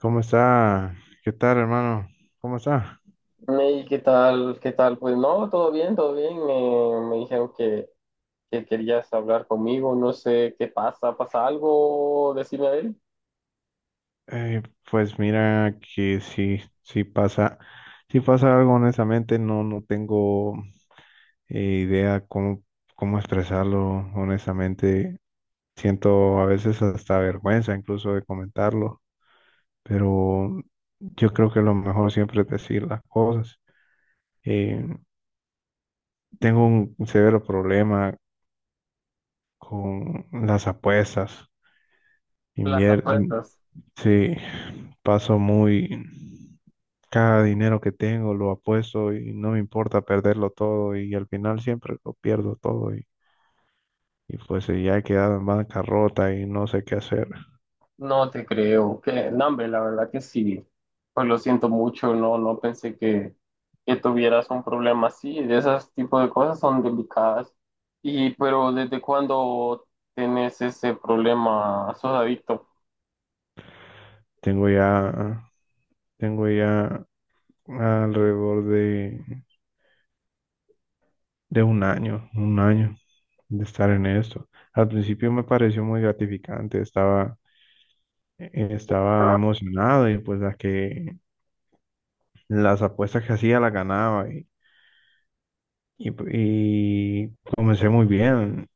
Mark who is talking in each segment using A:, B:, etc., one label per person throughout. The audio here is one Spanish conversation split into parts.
A: ¿Cómo está? ¿Qué tal, hermano? ¿Cómo está?
B: Ney, ¿qué tal? ¿Qué tal? Pues no, todo bien, todo bien. Me dijeron que querías hablar conmigo. No sé qué pasa. ¿Pasa algo? Decime a ver.
A: Eh, pues mira que sí, sí pasa algo, honestamente, no, no tengo eh, idea cómo expresarlo, honestamente. Siento a veces hasta vergüenza incluso de comentarlo, pero yo creo que lo mejor siempre es decir las cosas. Eh, tengo un severo problema con las apuestas.
B: Las
A: Invier-
B: apuestas.
A: Sí, paso muy. Cada dinero que tengo lo apuesto y no me importa perderlo todo y al final siempre lo pierdo todo y, y pues ya he quedado en bancarrota y no sé qué hacer.
B: No te creo. Que, no, hombre, la verdad que sí. Pues lo siento mucho. No, no pensé que tuvieras un problema así. De esas tipo de cosas son delicadas. Y, pero ¿desde cuándo tienes ese problema? ¿Sos adicto?
A: Tengo ya, tengo ya alrededor de un año de estar en esto. Al principio me pareció muy gratificante, estaba emocionado y pues las apuestas que hacía las ganaba. Y, y comencé muy bien,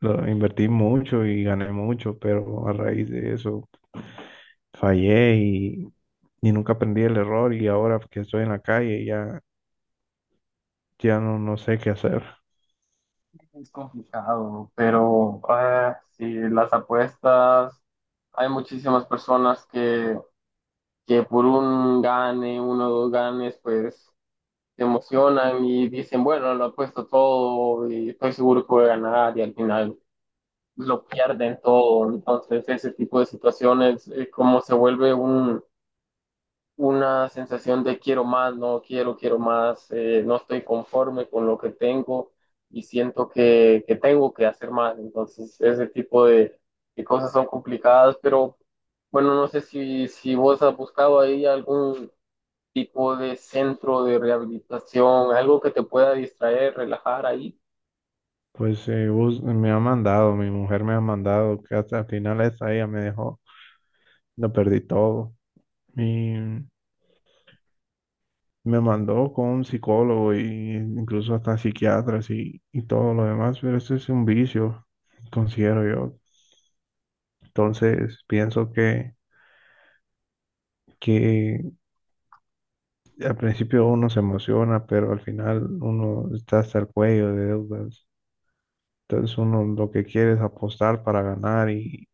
A: invertí mucho y gané mucho, pero a raíz de eso fallé y nunca aprendí el error y ahora que estoy en la calle ya no, no sé qué hacer.
B: Es complicado, pero sí, las apuestas, hay muchísimas personas que por un gane, uno o dos ganes, pues se emocionan y dicen, bueno, lo apuesto todo y estoy seguro que voy a ganar y al final lo pierden todo. Entonces, ese tipo de situaciones, como se vuelve un, una sensación de quiero más, no quiero, quiero más, no estoy conforme con lo que tengo y siento que tengo que hacer más. Entonces, ese tipo de cosas son complicadas, pero bueno, no sé si, si vos has buscado ahí algún tipo de centro de rehabilitación, algo que te pueda distraer, relajar ahí.
A: Pues mi mujer me ha mandado, que hasta el final esta ella me dejó, lo perdí todo. Y me mandó con un psicólogo y incluso hasta psiquiatras y todo lo demás, pero eso es un vicio, considero yo. Entonces, pienso que al principio uno se emociona, pero al final uno está hasta el cuello de deudas. Entonces, uno lo que quiere es apostar para ganar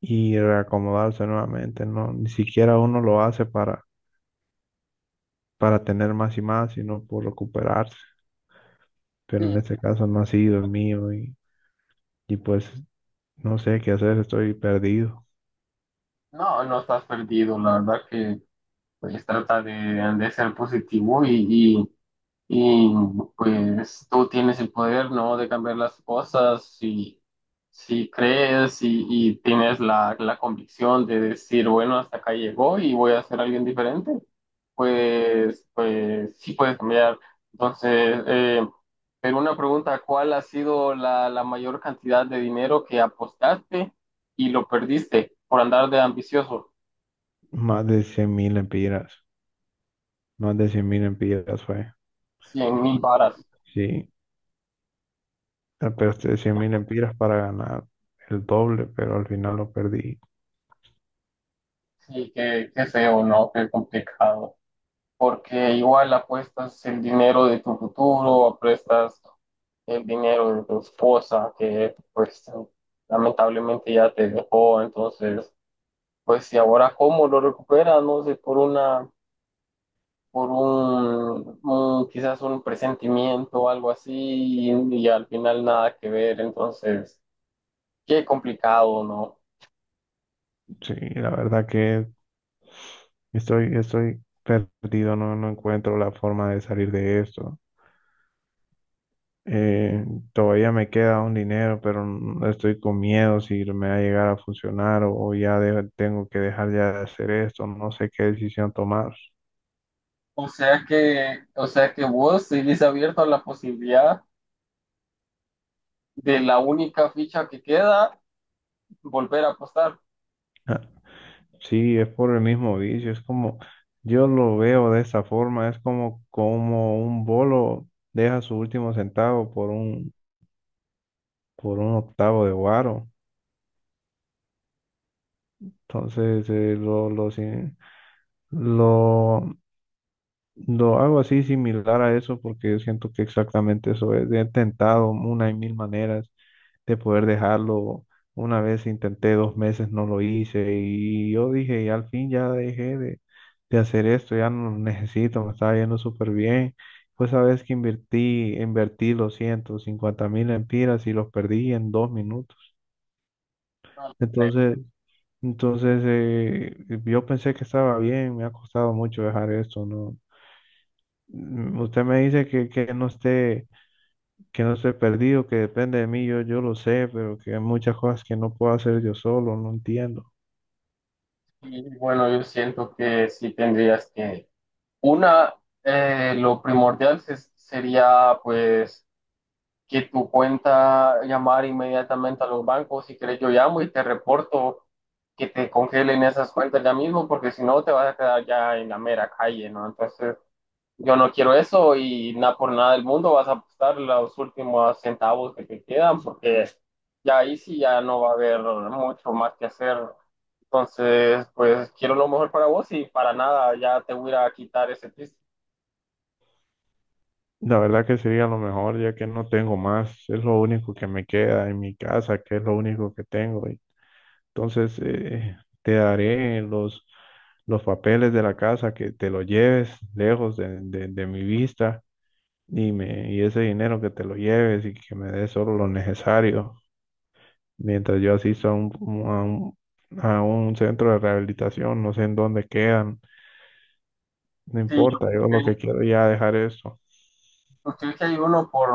A: y reacomodarse nuevamente, ¿no? Ni siquiera uno lo hace para tener más y más, sino por recuperarse. Pero
B: Sí.
A: en este caso no ha sido el mío y pues no sé qué hacer, estoy perdido.
B: No, no estás perdido, la verdad que pues trata de ser positivo y pues tú tienes el poder, ¿no? De cambiar las cosas si, si crees y tienes la, la convicción de decir, bueno, hasta acá llegó y voy a ser alguien diferente, pues, pues sí puedes cambiar. Entonces, pero una pregunta, ¿cuál ha sido la, la mayor cantidad de dinero que apostaste y lo perdiste por andar de ambicioso?
A: Más de 100 mil empiras, Más de 100.000 empiras fue,
B: 100.000 varas.
A: sí. Ah, pero te decía 1000 empiras para ganar el doble, pero al final lo perdí.
B: Sí, qué, qué feo, ¿no? Qué complicado, porque igual apuestas el dinero de tu futuro, apuestas el dinero de tu esposa, que pues lamentablemente ya te dejó. Entonces, pues si ahora cómo lo recuperas, no sé, por una, por un- quizás un presentimiento o algo así, y al final nada que ver. Entonces, qué complicado, ¿no?
A: Sí, la verdad que estoy perdido, no, no encuentro la forma de salir de esto. Eh, todavía me queda un dinero, pero estoy con miedo si me va a llegar a funcionar o, o tengo que dejar ya de hacer esto, no sé qué decisión tomar.
B: O sea que vos seguís abierto a la posibilidad de la única ficha que queda, volver a apostar.
A: Ah, sí, es por el mismo vicio, es como, yo lo veo de esa forma, es como un bolo deja su último centavo por un octavo de guaro. Entonces, lo, sin- lo lo hago así similar a eso porque yo siento que exactamente eso es. He intentado una y mil maneras de poder dejarlo. Una vez intenté 2 meses, no lo hice y yo dije, y al fin ya dejé de hacer esto, ya no lo necesito, me estaba yendo súper bien. Pues sabes que invertí los 150.000 empiras y los perdí en 2 minutos.
B: Hombre,
A: Entonces, entonces, yo pensé que estaba bien, me ha costado mucho dejar esto, ¿no? Usted me dice que no esté perdido, que depende de mí, yo lo sé, pero que hay muchas cosas que no puedo hacer yo solo, no entiendo.
B: y bueno, yo siento que sí tendrías que, una, lo primordial se- sería pues que tu cuenta llamar inmediatamente a los bancos, si querés yo llamo y te reporto que te congelen esas cuentas ya mismo, porque si no te vas a quedar ya en la mera calle, ¿no? Entonces, yo no quiero eso y nada por nada del mundo vas a apostar los últimos centavos que te quedan porque ya ahí sí ya no va a haber mucho más que hacer. Entonces, pues quiero lo mejor para vos y para nada ya te voy a ir a quitar ese twist.
A: La verdad que sería lo mejor, ya que no tengo más, es lo único que me queda en mi casa, que es lo único que tengo. Entonces, te daré los papeles de la casa, que te lo lleves lejos de mi vista y ese dinero que te lo lleves y que me des solo lo necesario, mientras yo asisto a un, a un centro de rehabilitación, no sé en dónde quedan, no
B: Sí,
A: importa, yo lo que quiero ya dejar esto.
B: usted que hay uno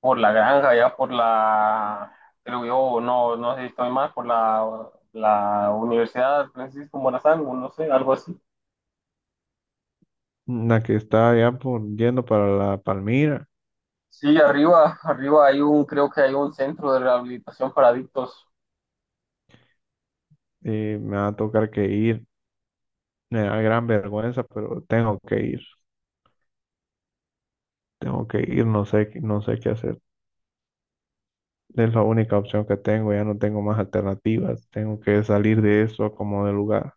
B: por la granja, ya por la, creo yo, no, no sé si estoy mal, por la, la Universidad Francisco Morazán, o no sé, algo así.
A: La que está ya por yendo para la Palmira,
B: Sí, arriba, arriba hay un, creo que hay un centro de rehabilitación para adictos.
A: me va a tocar que ir, me da gran vergüenza, pero tengo que ir, no sé, qué hacer. Es la única opción que tengo, ya no tengo más alternativas, tengo que salir de eso como de lugar.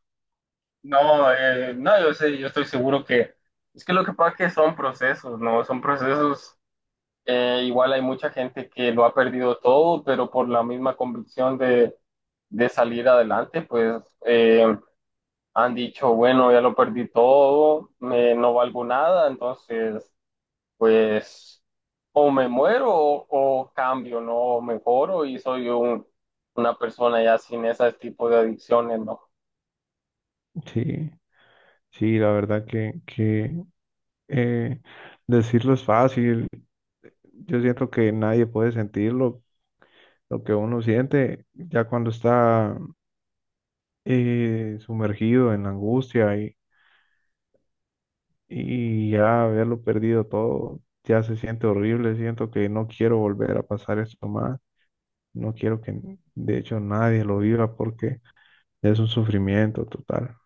B: No, no, yo sé, yo estoy seguro que es que lo que pasa es que son procesos, ¿no? Son procesos, igual hay mucha gente que lo ha perdido todo, pero por la misma convicción de salir adelante, pues han dicho, bueno, ya lo perdí todo, me, no valgo nada. Entonces, pues o me muero o cambio, ¿no? O mejoro y soy un, una persona ya sin ese tipo de adicciones, ¿no?
A: Sí, sí, la verdad que eh, decirlo es fácil. Yo siento que nadie puede sentir lo que uno siente ya cuando está sumergido en la angustia y ya haberlo perdido todo, ya se siente horrible. Siento que no quiero volver a pasar esto más. No quiero que, de hecho, nadie lo viva porque es un sufrimiento total.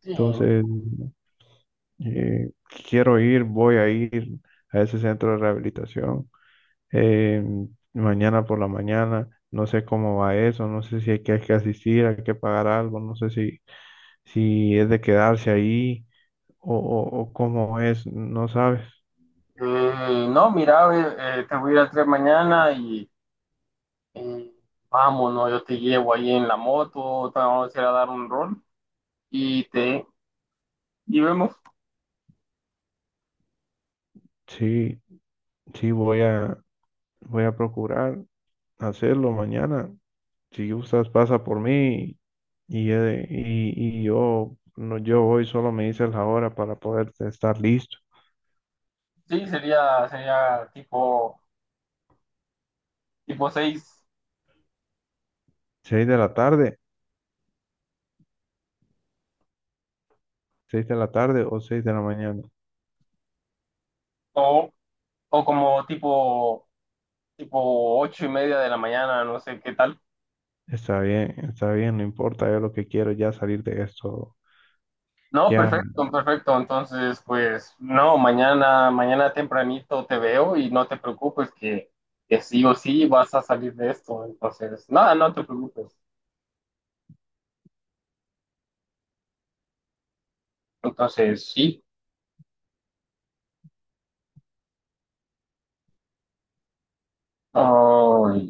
B: Sí,
A: Entonces, eh, quiero ir, voy a ir a ese centro de rehabilitación eh, mañana por la mañana. No sé cómo va eso, no sé si hay que asistir, hay que pagar algo, no sé si es de quedarse ahí o, o cómo es, no sabes.
B: no, mira, te voy a ir a 3 mañana y vamos, ¿no? Yo te llevo ahí en la moto, te vamos a ir a dar un rol y te y vemos.
A: Sí, sí, voy a procurar hacerlo mañana. Si gustas, pasa por mí y yo, no, yo hoy solo me dices la hora para poder estar listo.
B: Sí, sería, sería tipo, tipo 6
A: Seis de la tarde, seis de la tarde o 6 de la mañana.
B: o, o como tipo, tipo 8:30 de la mañana, no sé qué tal.
A: Está bien, no importa, yo lo que quiero es ya salir de esto,
B: No,
A: ya
B: perfecto, perfecto. Entonces, pues, no, mañana, mañana tempranito te veo y no te preocupes que sí o sí vas a salir de esto. Entonces, nada, no te preocupes. Entonces, sí. Ay,